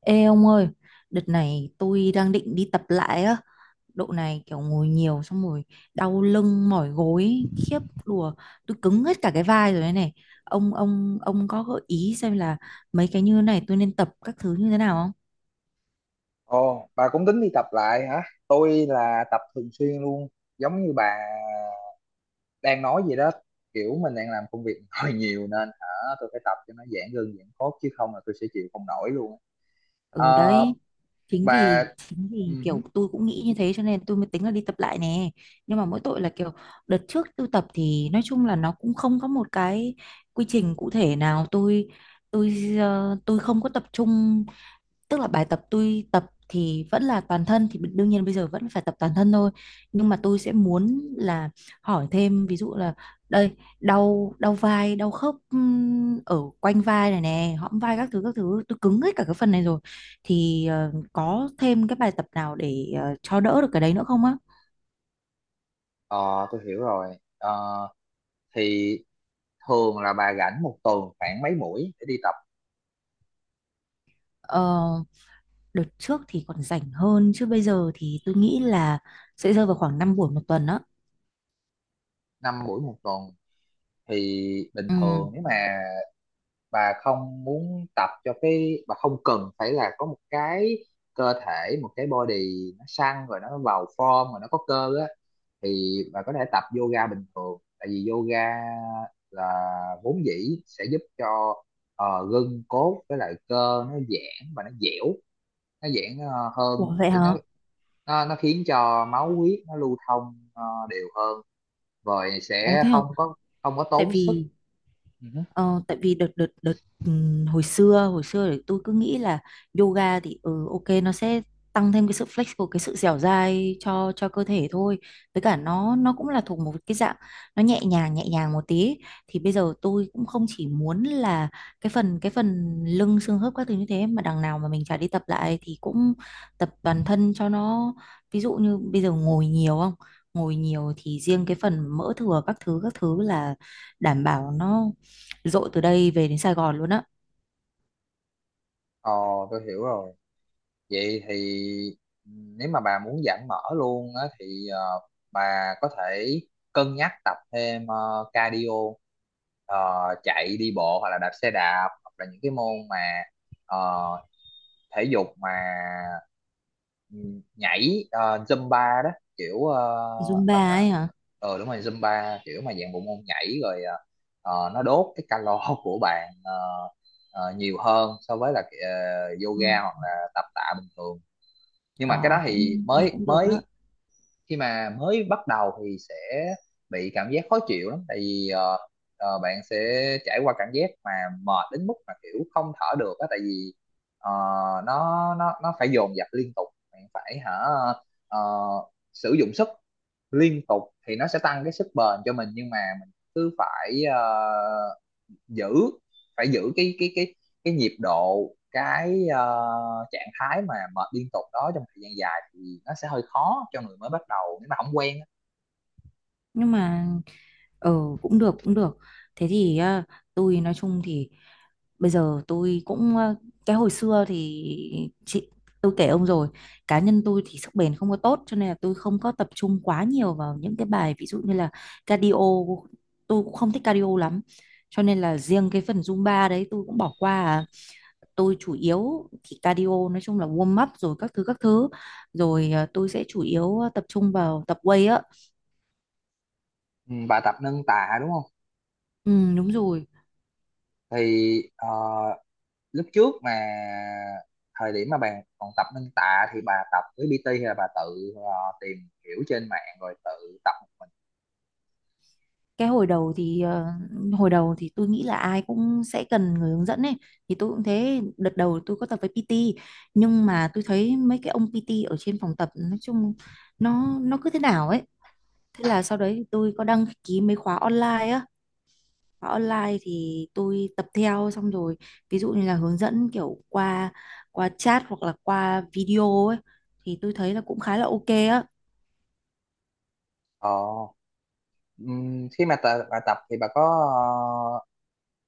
Ê ông ơi, đợt này tôi đang định đi tập lại á. Độ này kiểu ngồi nhiều xong rồi đau lưng mỏi gối khiếp đùa, tôi cứng hết cả cái vai rồi đây này. Ông có gợi ý xem là mấy cái như này tôi nên tập các thứ như thế nào không? Ồ, bà cũng tính đi tập lại hả? Tôi là tập thường xuyên luôn, giống như bà đang nói vậy đó. Kiểu mình đang làm công việc hơi nhiều nên hả, tôi phải tập cho nó giãn gân giãn cốt chứ không là tôi sẽ chịu không nổi luôn. Ừ Ờ, đấy. Chính bà, vì chính vì kiểu uh tôi cũng nghĩ như thế cho nên tôi mới tính là đi tập lại nè. Nhưng mà mỗi tội là kiểu đợt trước tôi tập thì nói chung là nó cũng không có một cái quy trình cụ thể nào, tôi tôi không có tập trung. Tức là bài tập tôi tập thì vẫn là toàn thân, thì đương nhiên bây giờ vẫn phải tập toàn thân thôi, nhưng mà tôi sẽ muốn là hỏi thêm, ví dụ là đây, đau đau vai đau khớp ở quanh vai này nè, hõm vai các thứ các thứ, tôi cứng hết cả cái phần này rồi, thì có thêm cái bài tập nào để cho đỡ được cái đấy nữa không á. Ờ, tôi hiểu rồi. Ờ, thì thường là bà rảnh một tuần khoảng mấy buổi để đi tập? Ờ, đợt trước thì còn rảnh hơn, chứ bây giờ thì tôi nghĩ là sẽ rơi vào khoảng 5 buổi một tuần á. 5 buổi một tuần thì bình Ừ. thường, nếu mà bà không muốn tập cho cái bà không cần phải là có một cái cơ thể, một cái body nó săn rồi, nó vào form rồi, nó có cơ á thì bà có thể tập yoga bình thường. Tại vì yoga là vốn dĩ sẽ giúp cho gân cốt với lại cơ nó giãn và nó dẻo, nó giãn hơn Ủa để vậy nó hả? nó khiến cho máu huyết nó lưu thông đều hơn, rồi Ủa sẽ thế hả? không có Tại tốn sức. vì... Ừ. Ờ, tại vì đợt đợt đợt hồi xưa thì tôi cứ nghĩ là yoga thì ừ, ok nó sẽ tăng thêm cái sự flexible, cái sự dẻo dai cho cơ thể thôi, với cả nó cũng là thuộc một cái dạng nó nhẹ nhàng một tí. Thì bây giờ tôi cũng không chỉ muốn là cái phần lưng xương khớp các thứ như thế, mà đằng nào mà mình chả đi tập lại thì cũng tập toàn thân cho nó. Ví dụ như bây giờ ngồi nhiều không ngồi nhiều thì riêng cái phần mỡ thừa các thứ là đảm bảo nó dội từ đây về đến Sài Gòn luôn á. Ờ, tôi hiểu rồi. Vậy thì nếu mà bà muốn giãn mỡ luôn á thì bà có thể cân nhắc tập thêm cardio. Ờ, Chạy, đi bộ hoặc là đạp xe đạp, hoặc là những cái môn mà ờ, thể dục mà ừ, nhảy Zumba đó, kiểu Zumba ấy hả. ờ đúng rồi, Zumba kiểu mà dạng bộ môn nhảy rồi nó đốt cái calo của bạn nhiều hơn so với là Ừ. yoga hoặc là tập tạ bình thường. Nhưng mà cái Ờ, đó thì cũng nghe mới cũng được á. mới khi mà mới bắt đầu thì sẽ bị cảm giác khó chịu lắm. Tại vì bạn sẽ trải qua cảm giác mà mệt đến mức mà kiểu không thở được á. Tại vì ờ, nó phải dồn dập liên tục, bạn phải hả ờ, sử dụng sức liên tục thì nó sẽ tăng cái sức bền cho mình. Nhưng mà mình cứ phải giữ phải giữ cái nhịp độ, cái trạng thái mà mệt liên tục đó trong thời gian dài thì nó sẽ hơi khó cho người mới bắt đầu nếu mà không quen á. Nhưng mà ờ, cũng được. Thế thì à, tôi nói chung thì bây giờ tôi cũng ờ, cái hồi xưa thì chị tôi kể ông rồi, cá nhân tôi thì sức bền không có tốt, cho nên là tôi không có tập trung quá nhiều vào những cái bài ví dụ như là cardio. Tôi cũng không thích cardio lắm, cho nên là riêng cái phần Zumba đấy tôi cũng bỏ qua à. Tôi chủ yếu thì cardio nói chung là warm up rồi các thứ các thứ, rồi ờ, tôi sẽ chủ yếu ờ, tập trung vào tập weight á. Ừ, bà tập nâng tạ đúng không? Ừ, đúng rồi. Thì lúc trước, mà thời điểm mà bà còn tập nâng tạ thì bà tập với PT hay là bà tự tìm hiểu trên mạng rồi tự tập một mình? Cái hồi đầu thì ờ, hồi đầu thì tôi nghĩ là ai cũng sẽ cần người hướng dẫn ấy, thì tôi cũng thế, đợt đầu tôi có tập với PT. Nhưng mà tôi thấy mấy cái ông PT ở trên phòng tập nói chung nó cứ thế nào ấy. Thế là sau đấy thì tôi có đăng ký mấy khóa online á. Khóa online thì tôi tập theo, xong rồi ví dụ như là hướng dẫn kiểu qua qua chat hoặc là qua video ấy, thì tôi thấy là cũng khá là ok á. Ờ, ừm, khi mà bà tập thì bà có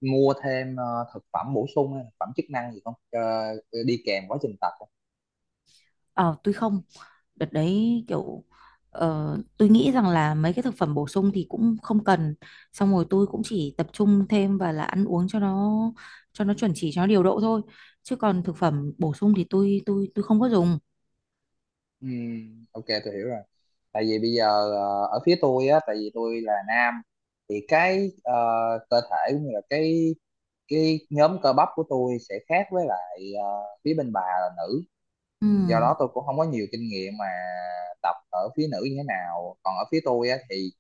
mua thêm thực phẩm bổ sung hay thực phẩm chức năng gì không, đi kèm quá trình tập không? Ờ tôi không, đợt đấy kiểu ờ, tôi nghĩ rằng là mấy cái thực phẩm bổ sung thì cũng không cần. Xong rồi tôi cũng chỉ tập trung thêm và là ăn uống cho nó, cho nó chuẩn chỉ cho nó điều độ thôi, chứ còn thực phẩm bổ sung thì tôi không có dùng. Ok, tôi hiểu rồi. Tại vì bây giờ ở phía tôi á, tại vì tôi là nam thì cái cơ thể cũng như là cái nhóm cơ bắp của tôi sẽ khác với lại phía bên bà là nữ. Ừ. Ừ, do đó tôi cũng không có nhiều kinh nghiệm mà tập ở phía nữ như thế nào. Còn ở phía tôi á thì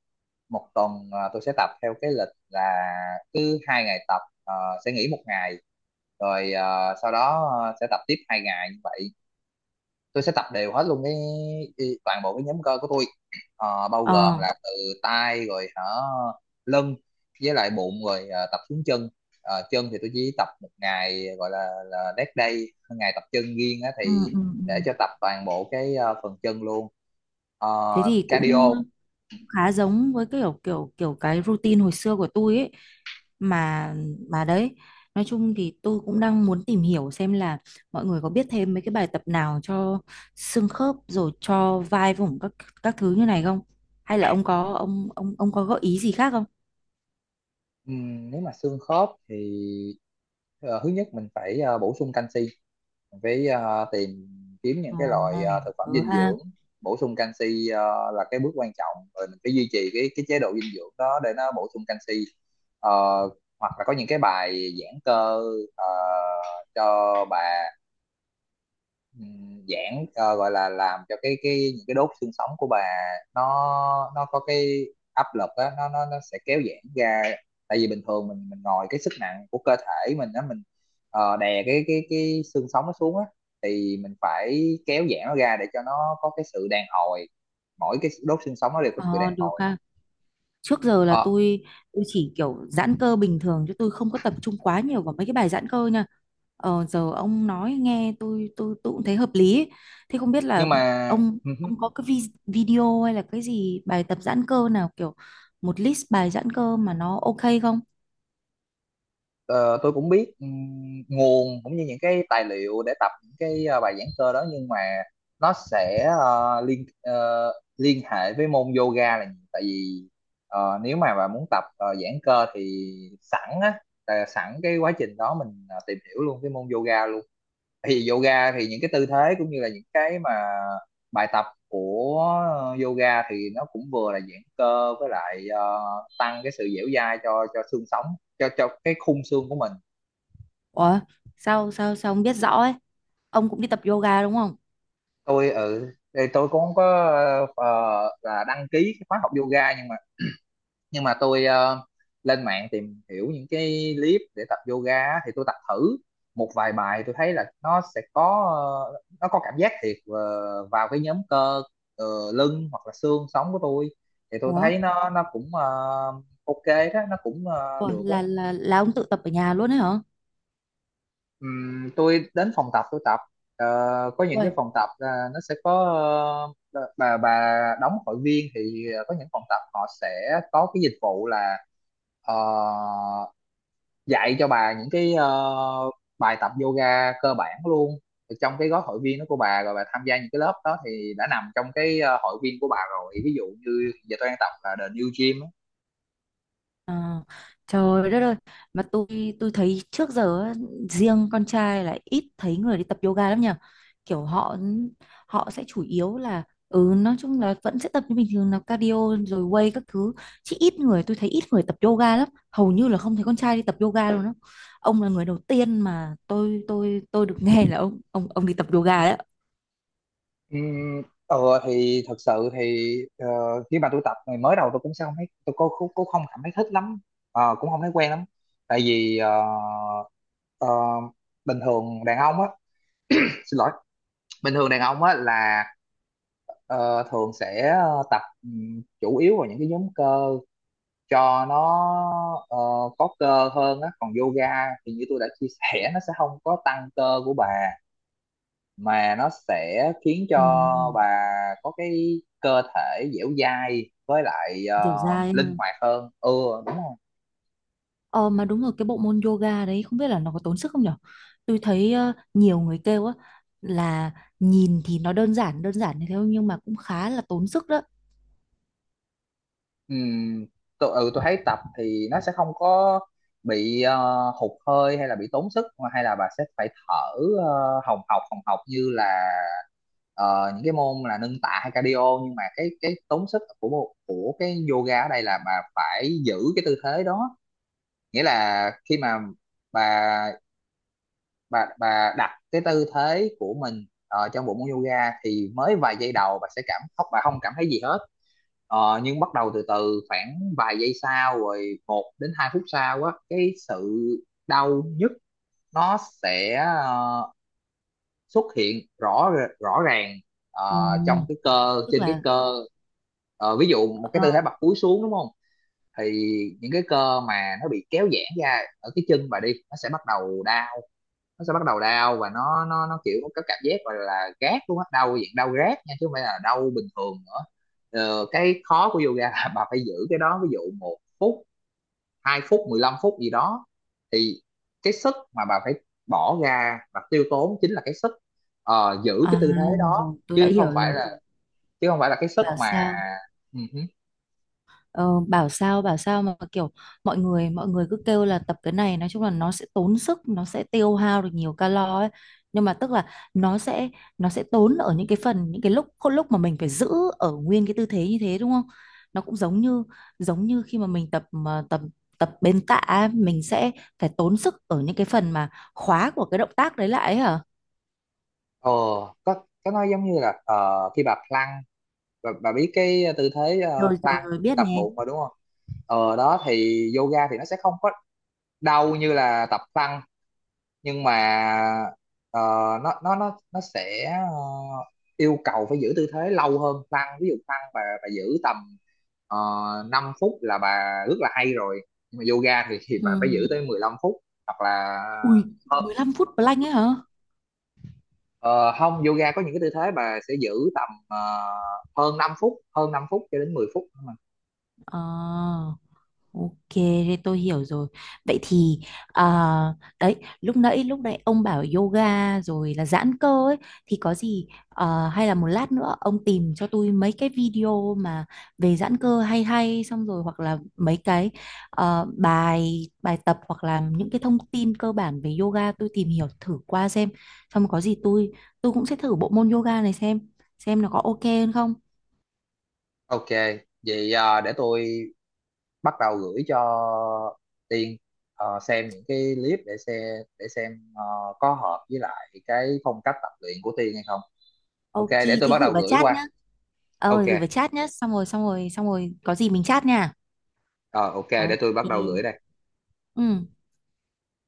một tuần tôi sẽ tập theo cái lịch là cứ 2 ngày tập sẽ nghỉ một ngày, rồi sau đó sẽ tập tiếp 2 ngày như vậy. Tôi sẽ tập đều hết luôn cái toàn bộ cái nhóm cơ của tôi. Bao gồm Ờ. là từ tay rồi hả, lưng với lại bụng, rồi tập xuống chân. Chân thì tôi chỉ tập một ngày, gọi là dead day, ngày tập chân riêng á Ừ, thì ừ, ừ. để cho tập toàn bộ cái phần chân luôn. Ờ, Thế thì cũng Cardio. cũng khá giống với kiểu kiểu kiểu cái routine hồi xưa của tôi ấy. mà mà đấy, nói chung thì tôi cũng đang muốn tìm hiểu xem là mọi người có biết thêm mấy cái bài tập nào cho xương khớp, rồi cho vai vùng các thứ như này không, hay là ông có ông có gợi ý gì khác không. Nếu mà xương khớp thì thứ nhất mình phải bổ sung canxi. Mình phải tìm kiếm những Ồ, cái loại thực phẩm ừ dinh ha. dưỡng bổ sung canxi là cái bước quan trọng. Rồi mình phải duy trì cái chế độ dinh dưỡng đó để nó bổ sung canxi. Ờ, Hoặc là có những cái bài giãn cơ ờ, cho bà, giãn, gọi là làm cho cái những cái đốt xương sống của bà, nó có cái áp lực á, nó sẽ kéo giãn ra. Tại vì bình thường mình ngồi, cái sức nặng của cơ thể mình á, mình đè cái xương sống nó xuống á, thì mình phải kéo giãn nó ra để cho nó có cái sự đàn hồi. Mỗi cái đốt xương sống nó đều có Ờ, sự đàn được hồi. ha. Trước giờ là Ờ, tôi chỉ kiểu giãn cơ bình thường, chứ tôi không có tập trung quá nhiều vào mấy cái bài giãn cơ nha. Ờ, giờ ông nói nghe tôi cũng thấy hợp lý ấy. Thế không biết nhưng là mà ông ông có cái video hay là cái gì bài tập giãn cơ nào kiểu một list bài giãn cơ mà nó ok không. ờ, tôi cũng biết nguồn cũng như những cái tài liệu để tập những cái bài giảng cơ đó. Nhưng mà nó sẽ liên hệ với môn yoga là nhiều. Tại vì nếu mà bà muốn tập giãn cơ thì sẵn á, là sẵn cái quá trình đó mình tìm hiểu luôn cái môn yoga luôn. Thì yoga thì những cái tư thế cũng như là những cái mà bài tập của yoga thì nó cũng vừa là giãn cơ với lại tăng cái sự dẻo dai cho xương sống, cho cái khung xương của mình. Ủa sao sao sao ông biết rõ ấy, ông cũng đi tập yoga đúng không. Tôi, ừ, tôi cũng không có ờ, là đăng ký cái khóa học yoga, nhưng mà tôi lên mạng tìm hiểu những cái clip để tập yoga á, thì tôi tập thử một vài bài, tôi thấy là nó sẽ có nó có cảm giác thiệt vào cái nhóm cơ ờ, lưng hoặc là xương sống của tôi. Thì tôi Ủa, thấy nó cũng ok đó, nó cũng ủa, được á. là ông tự tập ở nhà luôn ấy hả. Tôi đến phòng tập tôi tập. Ờ, có những Ủa. cái phòng tập là nó sẽ có ờ, bà đóng hội viên thì có những phòng tập họ sẽ có cái dịch vụ là ờ, dạy cho bà những cái bài tập yoga cơ bản luôn. Thì trong cái gói hội viên đó của bà, rồi bà tham gia những cái lớp đó thì đã nằm trong cái hội viên của bà rồi. Ví dụ như giờ tôi đang tập là The New Gym á. Ờ, trời đất ơi. Mà tôi thấy trước giờ á, riêng con trai là ít thấy người đi tập yoga lắm nhỉ. Kiểu họ họ sẽ chủ yếu là ừ nói chung là vẫn sẽ tập như bình thường là cardio, rồi weight các thứ, chứ ít người, tôi thấy ít người tập yoga lắm, hầu như là không thấy con trai đi tập yoga luôn á. Ông là người đầu tiên mà tôi được nghe là ông đi tập yoga đấy. Ừm, ờ thì thật sự thì khi mà tôi tập ngày mới đầu, tôi cũng không cảm thấy thích lắm. Cũng không thấy quen lắm. Tại vì ờ, bình thường đàn ông á xin lỗi, bình thường đàn ông á là ờ, thường sẽ tập chủ yếu vào những cái nhóm cơ cho nó có cơ hơn á. Còn yoga thì như tôi đã chia sẻ, nó sẽ không có tăng cơ của bà mà nó sẽ khiến cho Ừ, bà có cái cơ thể dẻo dai với lại hiểu ra ha. linh hoạt hơn. Ừ, đúng rồi. Ờ mà đúng rồi, cái bộ môn yoga đấy không biết là nó có tốn sức không nhở. Tôi thấy ờ, nhiều người kêu á là nhìn thì nó đơn giản như thế nhưng mà cũng khá là tốn sức đó. Ừm, tôi thấy tập thì nó sẽ không có bị hụt hơi hay là bị tốn sức mà, hay là bà sẽ phải thở hồng hộc như là những cái môn là nâng tạ hay cardio. Nhưng mà cái tốn sức của của cái yoga ở đây là bà phải giữ cái tư thế đó. Nghĩa là khi mà bà bà đặt cái tư thế của mình trong bộ môn yoga thì mới vài giây đầu bà sẽ cảm không, bà không cảm thấy gì hết. Nhưng bắt đầu từ từ khoảng vài giây sau, rồi 1 đến 2 phút sau á, cái sự đau nhức nó sẽ xuất hiện rõ, rõ ràng Ồ, trong cái cơ, tức trên cái là cơ. Ví dụ một cái ờ, tư thế bật cúi xuống, đúng không? Thì những cái cơ mà nó bị kéo giãn ra ở cái chân bà đi, nó sẽ bắt đầu đau, nó sẽ bắt đầu đau, và nó kiểu có cảm giác, gọi là gác luôn á, đau dạng đau rát nha, chứ không phải là đau bình thường nữa. Cái khó của yoga là bà phải giữ cái đó, ví dụ 1 phút, 2 phút, 15 phút gì đó. Thì cái sức mà bà phải bỏ ra và tiêu tốn chính là cái sức giữ cái à tư thế đó, rồi tôi đã chứ không hiểu phải rồi. là cái sức Bảo mà sao. Ờ, bảo sao mà kiểu mọi người cứ kêu là tập cái này nói chung là nó sẽ tốn sức, nó sẽ tiêu hao được nhiều calo ấy. Nhưng mà tức là nó sẽ nó sẽ tốn ở những cái phần, những cái lúc lúc mà mình phải giữ ở nguyên cái tư thế như thế đúng không. Nó cũng giống như khi mà mình tập mà tập tập bên tạ ấy, mình sẽ phải tốn sức ở những cái phần mà khóa của cái động tác đấy lại ấy hả. uh có có nói giống như là khi bà plank, bà biết cái tư thế rồi rồi plank rồi biết tập nè. bụng mà đúng không? Đó thì yoga thì nó sẽ không có đau như là tập plank, nhưng mà ờ, nó sẽ yêu cầu phải giữ tư thế lâu hơn plank. Ví dụ plank bà giữ tầm 5 phút là bà rất là hay rồi. Nhưng mà yoga thì Ừ. bà phải giữ tới 15 phút. Hoặc là Ui, ờ, 15 phút plank ấy hả. ờ, không, yoga có những cái tư thế bà sẽ giữ tầm hơn 5 phút, hơn 5 phút cho đến 10 phút. Ờ. Ok, thế tôi hiểu rồi. Vậy thì à, đấy, lúc nãy ông bảo yoga rồi là giãn cơ ấy, thì có gì à, hay là một lát nữa ông tìm cho tôi mấy cái video mà về giãn cơ hay hay, xong rồi hoặc là mấy cái ờ, bài bài tập hoặc là những cái thông tin cơ bản về yoga tôi tìm hiểu thử qua xem. Xong có gì tôi cũng sẽ thử bộ môn yoga này xem nó có ok hơn không. Ok, vậy à, để tôi bắt đầu gửi cho Tiên xem những cái clip, để xem để xem ờ, có hợp với lại cái phong cách tập luyện của Tiên hay không. Ok, Ok, để tôi thế bắt gửi đầu vào gửi chat qua. nhá. Ờ, Ok, gửi vào chat nhá. Xong rồi, xong rồi, xong rồi. Có gì mình chat nha. ờ, ok, để Ok. tôi bắt đầu gửi đây. Ừ.